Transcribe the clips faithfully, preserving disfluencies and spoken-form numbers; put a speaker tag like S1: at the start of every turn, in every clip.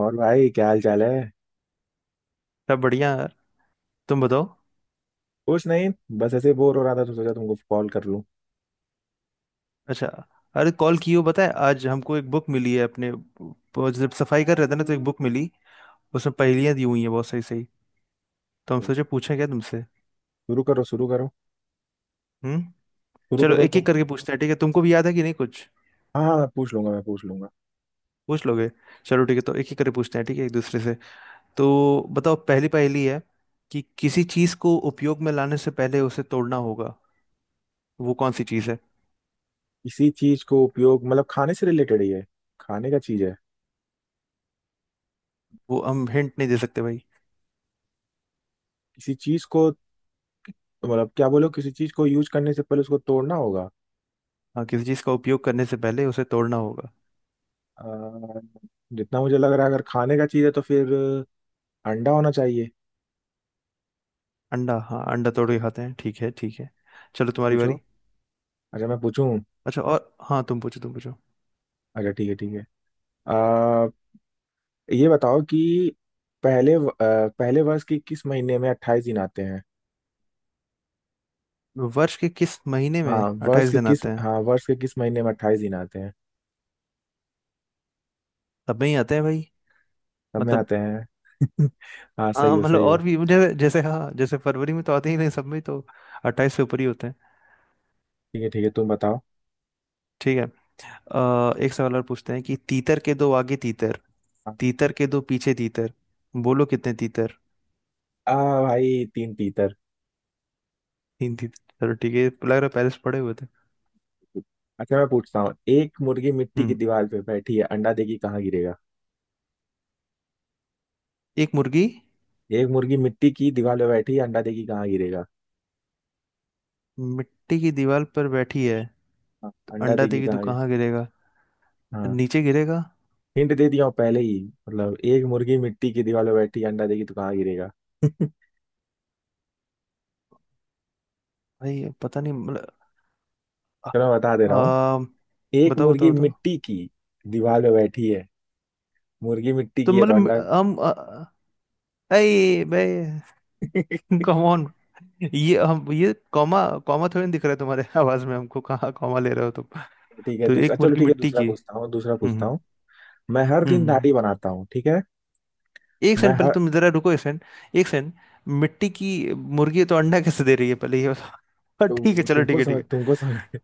S1: और भाई क्या हाल चाल है।
S2: सब बढ़िया यार। तुम बताओ।
S1: कुछ नहीं। बस ऐसे बोर हो रहा था तो सोचा तुमको कॉल कर लूं।
S2: अच्छा। अरे कॉल की हो, पता है आज हमको एक बुक मिली है, अपने वो जब सफाई कर रहे थे ना तो एक बुक मिली। उसमें पहेलियां दी हुई हैं बहुत सही सही। तो हम सोचे पूछें क्या तुमसे।
S1: शुरू करो शुरू करो।
S2: हम्म।
S1: शुरू
S2: चलो
S1: करो
S2: एक एक
S1: तुम।
S2: करके पूछते हैं, ठीक है, तुमको भी याद है कि नहीं कुछ।
S1: हाँ हाँ मैं पूछ लूंगा मैं पूछ लूंगा।
S2: पूछ लोगे। चलो ठीक है, तो एक एक करके पूछते हैं, ठीक है, एक दूसरे से। तो बताओ पहली पहेली है, कि किसी चीज को उपयोग में लाने से पहले उसे तोड़ना होगा। वो कौन सी चीज है।
S1: किसी चीज को उपयोग मतलब खाने से रिलेटेड ही है। खाने का चीज है।
S2: वो हम हिंट नहीं दे सकते भाई।
S1: किसी चीज को मतलब क्या बोलो किसी चीज को यूज करने से पहले उसको तोड़ना होगा।
S2: हाँ, किसी चीज का उपयोग करने से पहले उसे तोड़ना होगा।
S1: अ, जितना मुझे लग रहा है अगर खाने का चीज है तो फिर अंडा होना चाहिए।
S2: अंडा, हाँ अंडा तोड़ के खाते हैं, ठीक है ठीक है। चलो तुम्हारी
S1: पूछो।
S2: बारी।
S1: अच्छा मैं पूछूं।
S2: अच्छा, और हाँ तुम पूछो तुम पूछो।
S1: अच्छा ठीक है ठीक है। अ, ये बताओ कि पहले व- अ, पहले वर्ष के किस महीने में अट्ठाईस दिन आते हैं।
S2: वर्ष के किस महीने
S1: हाँ
S2: में
S1: वर्ष
S2: अट्ठाईस
S1: के
S2: दिन
S1: किस
S2: आते हैं।
S1: हाँ वर्ष के किस महीने में अट्ठाईस दिन आते हैं।
S2: सब में ही आते हैं भाई।
S1: सब में
S2: मतलब।
S1: आते हैं। हाँ सही
S2: हाँ
S1: हो
S2: मतलब,
S1: सही हो।
S2: और भी मुझे जैसे, हाँ जैसे फरवरी में तो आते ही नहीं, सब में ही तो अट्ठाईस से ऊपर ही होते हैं।
S1: ठीक है ठीक है तुम बताओ।
S2: ठीक है, अ, एक सवाल और पूछते हैं, कि तीतर के दो आगे तीतर, तीतर के दो पीछे तीतर, बोलो कितने तीतर।
S1: आ भाई तीन तीतर।
S2: तीन तीतर, चलो ठीक है, ये लग रहा है पहले से पढ़े हुए थे।
S1: अच्छा मैं पूछता हूँ एक मुर्गी मिट्टी की
S2: हम्म।
S1: दीवार पे बैठी है अंडा देगी कहाँ गिरेगा।
S2: एक मुर्गी
S1: एक मुर्गी मिट्टी की दीवार पे बैठी है अंडा देगी कहाँ गिरेगा।
S2: मिट्टी की दीवार पर बैठी है,
S1: हाँ,
S2: तो
S1: अंडा
S2: अंडा
S1: देगी
S2: देगी तो
S1: कहाँ गिरे।
S2: कहाँ गिरेगा?
S1: हाँ।
S2: नीचे गिरेगा।
S1: हिंट दे दिया हूँ पहले ही। मतलब एक मुर्गी मिट्टी की दीवार पे बैठी है अंडा देगी तो कहाँ गिरेगा चलो।
S2: भाई पता नहीं, मतलब आ,
S1: मैं बता दे
S2: आ,
S1: रहा हूँ। एक
S2: बताओ
S1: मुर्गी
S2: बताओ बताओ।
S1: मिट्टी की दीवार पे बैठी है। मुर्गी मिट्टी
S2: तो
S1: की है तो
S2: मतलब
S1: अंडा।
S2: हम आ, अरे भाई,
S1: ठीक
S2: कम ऑन। ये हम, ये कॉमा, कॉमा थोड़ी ना दिख रहा है तुम्हारे आवाज में, हमको कहाँ कॉमा ले रहे हो तुम।
S1: है
S2: तो
S1: दूसरा।
S2: एक
S1: चलो
S2: मुर्गी
S1: ठीक है
S2: मिट्टी
S1: दूसरा
S2: की।
S1: पूछता हूँ दूसरा
S2: हम्म
S1: पूछता
S2: हम्म
S1: हूँ। मैं हर
S2: हम्म,
S1: दिन
S2: हम्म, हम्म।
S1: दाढ़ी बनाता हूँ ठीक है।
S2: एक
S1: मैं
S2: सेकंड, पहले
S1: हर
S2: तुम जरा रुको, एक सेकंड, एक सेकंड, मिट्टी की मुर्गी है तो अंडा कैसे दे रही है, पहले ये बताओ। ठीक है
S1: तु,
S2: चलो, ठीक
S1: तुमको
S2: है ठीक
S1: समझ
S2: है।
S1: तुमको समझ।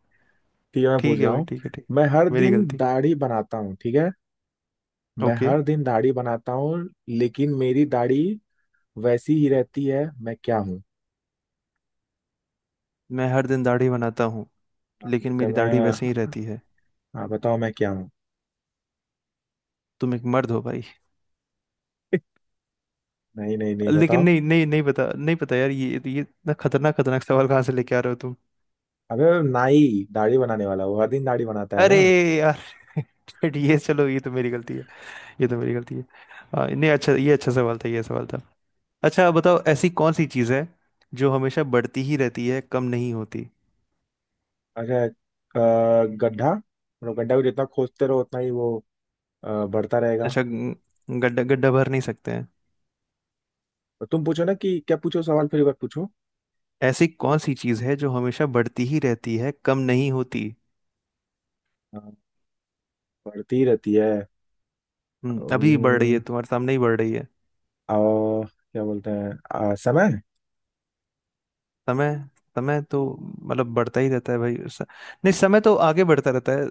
S1: ठीक है मैं पूछ
S2: ठीक है
S1: रहा
S2: भाई
S1: हूँ।
S2: ठीक है, ठीक
S1: मैं हर
S2: है मेरी
S1: दिन
S2: गलती।
S1: दाढ़ी बनाता हूँ ठीक है। मैं
S2: ओके।
S1: हर दिन दाढ़ी बनाता हूँ लेकिन मेरी दाढ़ी वैसी ही रहती है मैं क्या हूँ।
S2: मैं हर दिन दाढ़ी बनाता हूँ, लेकिन
S1: जैसे
S2: मेरी दाढ़ी
S1: मैं।
S2: वैसे ही रहती है।
S1: हाँ बताओ मैं क्या हूँ।
S2: तुम एक मर्द हो भाई।
S1: नहीं नहीं नहीं
S2: लेकिन
S1: बताओ।
S2: नहीं नहीं, नहीं पता, नहीं पता यार, ये ये इतना खतरनाक खतरनाक सवाल कहाँ से लेके आ रहे हो तुम।
S1: अबे। नाई दाढ़ी बनाने वाला वो हर दिन दाढ़ी बनाता है
S2: अरे
S1: ना।
S2: यार, ये चलो, ये तो मेरी गलती है, ये तो मेरी गलती है। हाँ, नहीं अच्छा ये, अच्छा सवाल था, ये सवाल था। अच्छा बताओ, ऐसी कौन सी चीज़ है जो हमेशा बढ़ती ही रहती है, कम नहीं होती।
S1: अच्छा अ, गड्ढा मतलब गड्ढा को जितना खोदते रहो उतना ही वो अ, बढ़ता रहेगा।
S2: अच्छा, ग- गड्ढा, गड्ढा भर नहीं सकते हैं।
S1: तुम पूछो ना कि क्या पूछो सवाल फिर एक बार पूछो।
S2: ऐसी कौन सी चीज़ है जो हमेशा बढ़ती ही रहती है, कम नहीं होती।
S1: अ, बढ़ती रहती है।
S2: हम्म, अभी बढ़ रही है,
S1: अम्म,
S2: तुम्हारे सामने ही बढ़ रही है।
S1: अ, क्या बोलते हैं। अ, समय।
S2: समय। समय तो मतलब बढ़ता ही रहता है भाई, स- नहीं, समय तो आगे बढ़ता रहता है।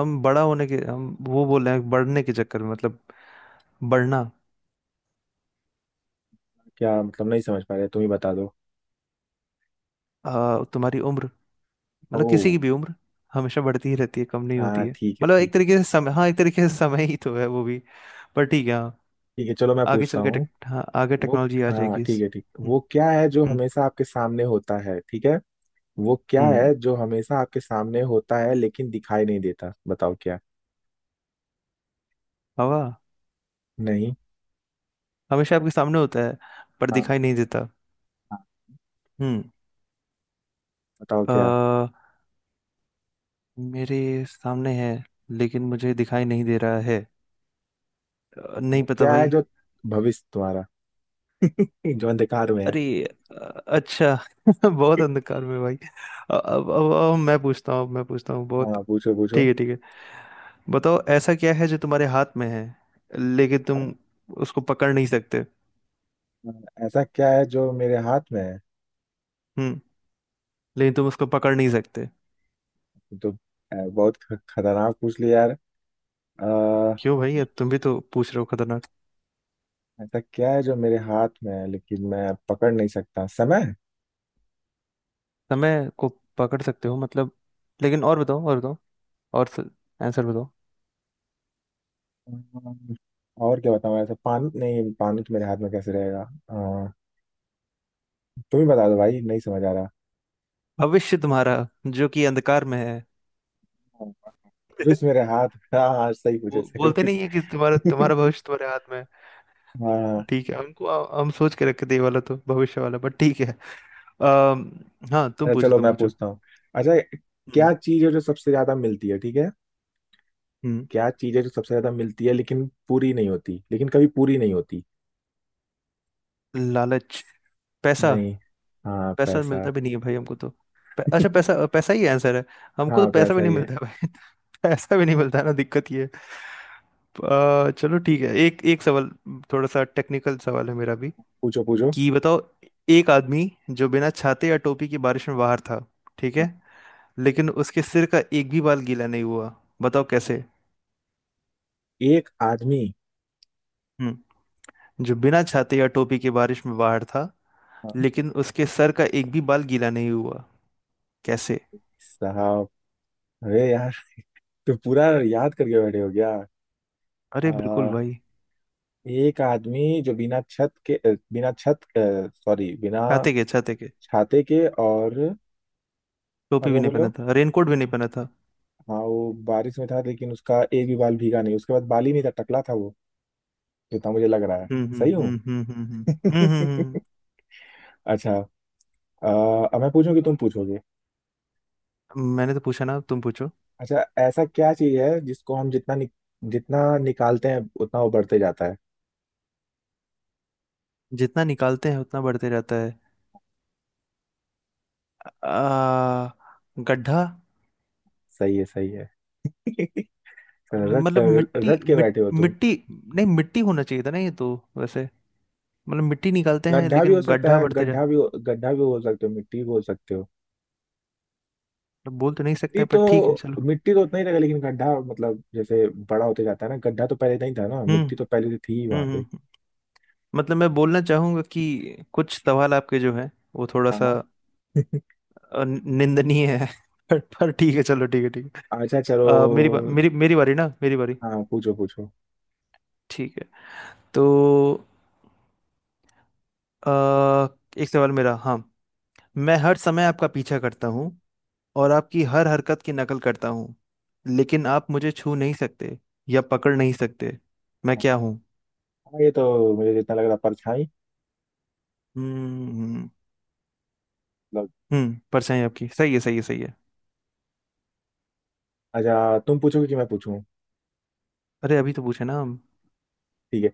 S2: हम बड़ा होने के, हम वो बोल रहे हैं बढ़ने के चक्कर में, मतलब बढ़ना।
S1: क्या मतलब नहीं समझ पा रहे तुम ही बता दो।
S2: आ, तुम्हारी उम्र, मतलब
S1: ओ।
S2: किसी की भी उम्र हमेशा बढ़ती ही रहती है, कम नहीं होती
S1: हाँ
S2: है।
S1: ठीक है
S2: मतलब एक
S1: ठीक है।
S2: तरीके से समय, हाँ एक तरीके से समय ही तो है वो भी, पर ठीक है हाँ।
S1: ठीक है चलो मैं
S2: आगे
S1: पूछता
S2: चल के
S1: हूँ।
S2: टेक, हाँ, आगे
S1: वो।
S2: टेक्नोलॉजी आ
S1: हाँ
S2: जाएगी
S1: ठीक
S2: इस।
S1: है ठीक
S2: हम्म
S1: वो क्या है जो
S2: हम्म
S1: हमेशा आपके सामने होता है ठीक है। वो क्या
S2: हम्म,
S1: है जो हमेशा आपके सामने होता है लेकिन दिखाई नहीं देता बताओ क्या।
S2: हवा।
S1: नहीं।
S2: हमेशा आपके सामने होता है, पर
S1: हाँ
S2: दिखाई नहीं देता।
S1: हाँ बताओ क्या।
S2: हम्म, मेरे सामने है, लेकिन मुझे दिखाई नहीं दे रहा है। अ, नहीं
S1: वो
S2: पता
S1: क्या है
S2: भाई।
S1: जो भविष्य तुम्हारा जो अंधकार में है।
S2: अरे, अ, अच्छा, बहुत अंधकार में भाई। अब अब, अब, अब मैं पूछता हूँ, अब मैं पूछता हूँ बहुत।
S1: हाँ पूछो
S2: ठीक
S1: पूछो।
S2: है ठीक है, बताओ ऐसा क्या है जो तुम्हारे हाथ में है लेकिन तुम उसको पकड़ नहीं सकते।
S1: ऐसा क्या है जो मेरे हाथ में है।
S2: हम्म, लेकिन तुम उसको पकड़ नहीं सकते।
S1: ये तो अ, बहुत ख- खतरनाक पूछ लिया यार। अ,
S2: क्यों भाई, अब तुम भी तो पूछ रहे हो खतरनाक।
S1: ऐसा क्या है जो मेरे हाथ में है लेकिन मैं पकड़ नहीं सकता समय।
S2: समय को पकड़ सकते हो मतलब, लेकिन और बताओ, और बताओ, और, आंसर बताओ।
S1: अम्म, और क्या बताऊँ ऐसा पानी नहीं पानी तो मेरे हाथ में कैसे रहेगा। अ, तुम ही बता दो भाई नहीं समझ आ रहा।
S2: भविष्य तुम्हारा, जो कि अंधकार में है।
S1: विष मेरे हाथ। हाँ हाँ सही
S2: वो
S1: पूछे सही
S2: बोलते नहीं है कि तुम्हारा
S1: पूछे।
S2: तुम्हारा भविष्य तुम्हारे हाथ में है।
S1: हाँ।
S2: ठीक है हमको, हम सोच के रखे थे ये वाला, तो भविष्य वाला बट ठीक है। अम्म हाँ, तुम
S1: अच्छा
S2: पूछो
S1: चलो
S2: तुम
S1: मैं
S2: पूछो।
S1: पूछता हूँ। अच्छा
S2: हम्म,
S1: क्या चीज़ है जो सबसे ज्यादा मिलती है ठीक है।
S2: हम्म।
S1: क्या चीज़ है जो सबसे ज्यादा मिलती है लेकिन पूरी नहीं होती लेकिन कभी पूरी नहीं होती।
S2: लालच, पैसा।
S1: नहीं। हाँ
S2: पैसा
S1: पैसा।
S2: मिलता भी नहीं है भाई हमको तो। पै, अच्छा पैसा, पैसा ही आंसर है। हमको
S1: हाँ
S2: तो पैसा भी
S1: पैसा
S2: नहीं
S1: ही है।
S2: मिलता है भाई, पैसा भी नहीं मिलता है ना, दिक्कत ये है। अ, चलो ठीक है, एक एक सवाल। थोड़ा सा टेक्निकल सवाल है मेरा भी।
S1: पूछो पूछो।
S2: कि बताओ एक आदमी जो बिना छाते या टोपी के बारिश में बाहर था, ठीक
S1: हाँ,
S2: है, लेकिन उसके सिर का एक भी बाल गीला नहीं हुआ, बताओ कैसे।
S1: एक आदमी।
S2: हम्म, जो बिना छाते या टोपी के बारिश में बाहर था,
S1: हाँ।
S2: लेकिन उसके सर का एक भी बाल गीला नहीं हुआ, कैसे?
S1: साहब। अरे यार। तो पूरा याद करके बैठे हो गया। आ,
S2: अरे बिल्कुल भाई।
S1: एक आदमी जो बिना छत के अ, बिना छत सॉरी बिना
S2: छाते के, छाते के,
S1: छाते के और। और
S2: टोपी
S1: क्या
S2: भी नहीं
S1: बोले
S2: पहना
S1: हो।
S2: था, रेनकोट भी नहीं पहना था।
S1: हाँ वो बारिश में था लेकिन उसका एक भी बाल भीगा नहीं उसके बाद बाल ही नहीं था टकला था वो। जितना मुझे लग रहा है।
S2: हम्म हम्म
S1: सही हूँ।
S2: हम्म हम्म हम्म हम्म हम्म, हम्म,
S1: अच्छा। अ, अब मैं पूछूं कि तुम पूछोगे।
S2: हम्म। मैंने तो पूछा ना, अब तुम पूछो।
S1: अच्छा ऐसा क्या चीज है जिसको हम जितना नि, जितना निकालते हैं उतना वो बढ़ते जाता है।
S2: जितना निकालते हैं उतना बढ़ते रहता है। आ, गड्ढा।
S1: सही है सही है। रट।
S2: मतलब मिट्टी
S1: रट के
S2: मिट,
S1: बैठे हो तुम।
S2: मिट्टी नहीं, मिट्टी होना चाहिए था ना, ये तो वैसे। मतलब मिट्टी निकालते हैं
S1: गड्ढा भी हो
S2: लेकिन
S1: सकता
S2: गड्ढा
S1: है
S2: बढ़ते।
S1: गड्ढा भी हो- गड्ढा भी बोल सकते हो मिट्टी भी बोल सकते हो।
S2: बोल तो नहीं
S1: मिट्टी
S2: सकते, पर
S1: तो
S2: ठीक है चलो।
S1: मिट्टी तो उतना ही रहेगा लेकिन गड्ढा मतलब जैसे बड़ा होते जाता है ना गड्ढा तो पहले नहीं था ना
S2: हम्म
S1: मिट्टी तो पहले से थी ही
S2: हम्म
S1: वहां
S2: हम्म।
S1: पे।
S2: हम्म। मतलब मैं बोलना चाहूंगा कि कुछ सवाल आपके जो है, वो थोड़ा
S1: हाँ।
S2: सा अ, निंदनीय है। पर पर ठीक है, चलो ठीक है ठीक है।
S1: अच्छा चलो।
S2: अ, मेरी बा- मेरी मेरी बारी ना, मेरी बारी।
S1: हाँ पूछो पूछो।
S2: ठीक है, तो अ, एक सवाल मेरा, हाँ। मैं हर समय आपका पीछा करता हूँ, और आपकी हर हरकत की नकल करता हूँ, लेकिन आप मुझे छू नहीं सकते या पकड़ नहीं सकते। मैं क्या हूँ?
S1: हाँ ये तो मुझे जितना लग रहा परछाई।
S2: हम्म हम्म,
S1: मतलब।
S2: हम्म, परछाई आपकी। सही है, सही है, सही है।
S1: अच्छा तुम पूछोगे कि मैं पूछूं।
S2: अरे अभी तो पूछे ना हम।
S1: ठीक है।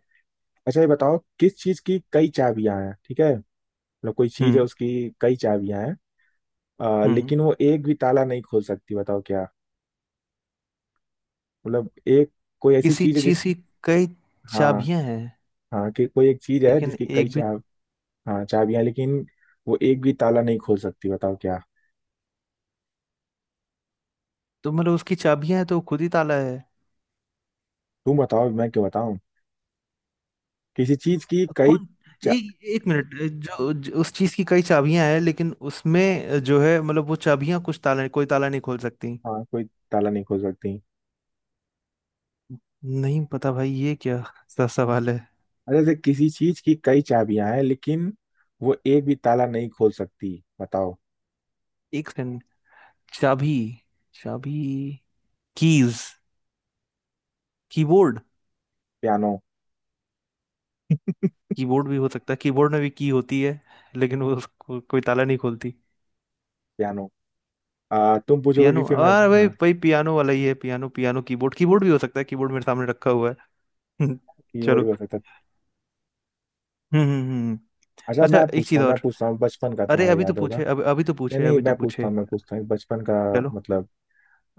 S1: अच्छा ये बताओ किस चीज की कई चाबियां हैं ठीक है। मतलब कोई चीज है
S2: हम्म,
S1: उसकी कई चाबियां हैं अ,
S2: हम्म,
S1: लेकिन वो एक भी ताला नहीं खोल सकती बताओ क्या। मतलब एक कोई ऐसी
S2: किसी
S1: चीज है
S2: चीज
S1: जिसकी।
S2: की कई
S1: हाँ।
S2: चाबियां हैं,
S1: हाँ कि कोई एक चीज है
S2: लेकिन
S1: जिसकी कई
S2: एक
S1: चा।
S2: भी।
S1: हाँ चाबियां हैं, लेकिन वो एक भी ताला नहीं खोल सकती बताओ क्या।
S2: तो मतलब उसकी चाबियां हैं तो वो खुद ही ताला है।
S1: तुम बताओ मैं क्यों बताऊं। किसी चीज की कई
S2: कौन?
S1: चा।
S2: एक एक मिनट। जो, जो उस चीज की कई चाबियां हैं, लेकिन उसमें जो है, मतलब वो चाबियां कुछ ताला, कोई ताला नहीं खोल सकती।
S1: हाँ कोई ताला नहीं खोल सकती।
S2: नहीं पता भाई, ये क्या सा सवाल है।
S1: अच्छा जैसे किसी चीज की कई चाबियां हैं लेकिन वो एक भी ताला नहीं खोल सकती बताओ।
S2: एक सेकंड, चाबी, चाबी, कीज, कीबोर्ड।
S1: पियानो।
S2: कीबोर्ड भी हो सकता है, कीबोर्ड में भी की होती है, लेकिन वो उसको कोई ताला नहीं खोलती।
S1: पियानो। आ, तुम पूछोगे कि
S2: पियानो,
S1: फिर मैं।
S2: हाँ भाई
S1: हाँ,
S2: भाई, पियानो वाला ही है, पियानो पियानो कीबोर्ड, कीबोर्ड भी हो सकता है, कीबोर्ड मेरे सामने रखा हुआ है।
S1: कीबोर्ड
S2: चलो।
S1: भी हो सकता है।
S2: हम्म हम्म हम्म हम्म।
S1: अच्छा
S2: अच्छा
S1: मैं
S2: एक
S1: पूछता
S2: चीज
S1: हूँ मैं
S2: और।
S1: पूछता हूँ बचपन का
S2: अरे
S1: तुम्हारा
S2: अभी तो
S1: याद होगा
S2: पूछे, अभी अभी तो
S1: या
S2: पूछे,
S1: नहीं
S2: अभी तो
S1: मैं पूछता
S2: पूछे।
S1: हूँ मैं पूछता हूँ बचपन का
S2: चलो
S1: मतलब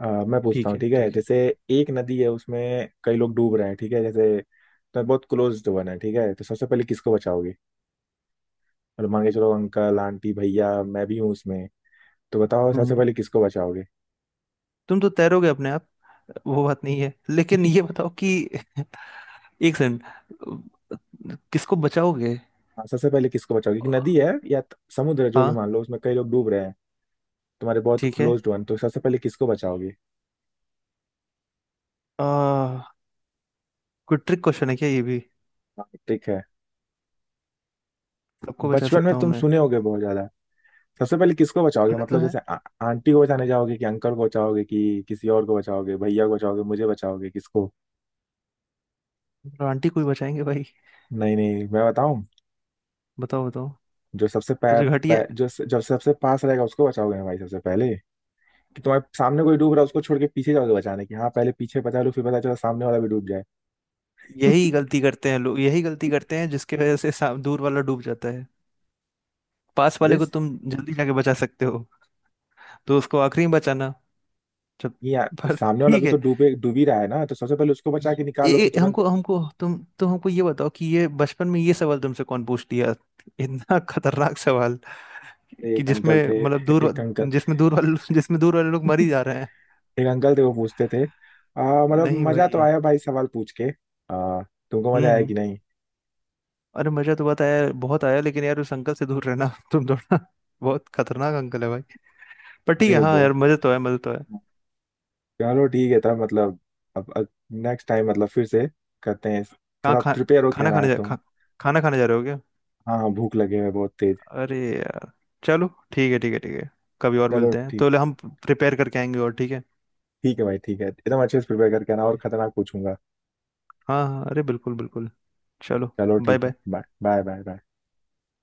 S1: आ, मैं पूछता
S2: ठीक
S1: हूँ
S2: है
S1: ठीक है
S2: ठीक है।
S1: जैसे। एक नदी है उसमें कई लोग डूब रहे हैं ठीक है जैसे। तो बहुत क्लोज वन है ठीक है तो सबसे पहले किसको बचाओगे। मतलब मान के चलो अंकल आंटी भैया मैं भी हूँ उसमें। तो बताओ
S2: हम्म,
S1: सबसे
S2: हम्म।
S1: पहले किसको बचाओगे।
S2: तुम तो तैरोगे अपने आप। वो बात नहीं है, लेकिन ये बताओ कि एक सेकंड, किसको बचाओगे।
S1: हाँ, सबसे पहले किसको बचाओगे एक नदी है या त- समुद्र है, जो भी
S2: हाँ
S1: मान लो उसमें कई लोग डूब रहे हैं। तुम्हारे बहुत
S2: ठीक है,
S1: क्लोज वन तो सबसे पहले किसको बचाओगे।
S2: आ, कोई ट्रिक क्वेश्चन है क्या ये भी?
S1: हाँ, ठीक है
S2: सबको बचा
S1: बचपन में
S2: सकता हूँ
S1: तुम
S2: मैं।
S1: सुने होगे बहुत ज्यादा। सबसे पहले किसको बचाओगे
S2: सुने तो
S1: मतलब
S2: है।
S1: जैसे आ, आंटी को बचाने जाओगे कि अंकल को बचाओगे कि किसी और को बचाओगे भैया को बचाओगे मुझे बचाओगे किसको।
S2: आंटी कोई बचाएंगे भाई।
S1: नहीं नहीं मैं बताऊं।
S2: बताओ बताओ।
S1: जो सबसे पै,
S2: कुछ
S1: पै,
S2: घटिया।
S1: जो स- जो सबसे पास रहेगा उसको बचाओगे ना भाई सबसे पहले। कि तुम्हारे सामने कोई डूब रहा है उसको छोड़ के पीछे जाओगे बचाने की हाँ पहले पीछे बचा लो फिर पता चला सामने वाला भी डूब जाए।
S2: यही गलती करते हैं लोग, यही गलती करते हैं जिसकी वजह से सा- दूर वाला डूब जाता है। पास
S1: अरे
S2: वाले को
S1: स-
S2: तुम जल्दी जाके बचा सकते हो, तो उसको आखिरी में बचाना जब।
S1: ये यार
S2: पर
S1: सामने वाला
S2: ठीक
S1: भी
S2: है।
S1: तो डूबे डूब ही रहा है ना तो सबसे पहले उसको बचा
S2: ये,
S1: के निकालो फिर
S2: ये,
S1: तुरंत।
S2: हमको हमको तुम तुम हमको ये बताओ, कि ये बचपन में ये सवाल तुमसे कौन पूछ लिया, इतना खतरनाक सवाल, कि
S1: एक
S2: जिसमें
S1: अंकल थे
S2: मतलब दूर वा-
S1: एक अंकल।
S2: जिसमें दूर वाले जिसमें दूर वाले लोग मर ही जा रहे हैं।
S1: एक अंकल थे वो पूछते थे। आ, मतलब
S2: नहीं
S1: मजा तो
S2: भाई।
S1: आया भाई सवाल पूछ के। आ, तुमको मजा आया
S2: हम्म।
S1: कि नहीं।
S2: अरे मजा तो बहुत आया, बहुत आया, लेकिन यार उस अंकल से दूर रहना, तुम थोड़ा। बहुत खतरनाक अंकल है भाई। पर ठीक है
S1: अरे
S2: हाँ,
S1: वो।
S2: यार मजे तो है, मजे तो है।
S1: चलो ठीक है तब मतलब। अब, अब नेक्स्ट टाइम मतलब फिर से करते हैं।
S2: कहाँ
S1: थोड़ा
S2: खा
S1: प्रिपेयर हो क्या
S2: खाना
S1: रहा
S2: खाने
S1: है
S2: जा
S1: तुम।
S2: खा, खाना खाने जा रहे हो क्या?
S1: हाँ हाँ भूख लगे हुए बहुत तेज।
S2: अरे यार, चलो ठीक है ठीक है ठीक है। कभी और
S1: चलो
S2: मिलते हैं
S1: ठीक।
S2: तो ले, हम प्रिपेयर करके आएंगे और, ठीक है।
S1: ठीक है भाई ठीक है एकदम अच्छे से प्रिपेयर करके आना और खतरनाक पूछूंगा।
S2: हाँ हाँ अरे, बिल्कुल बिल्कुल। चलो
S1: चलो
S2: बाय
S1: ठीक है
S2: bye.
S1: Bye bye bye bye.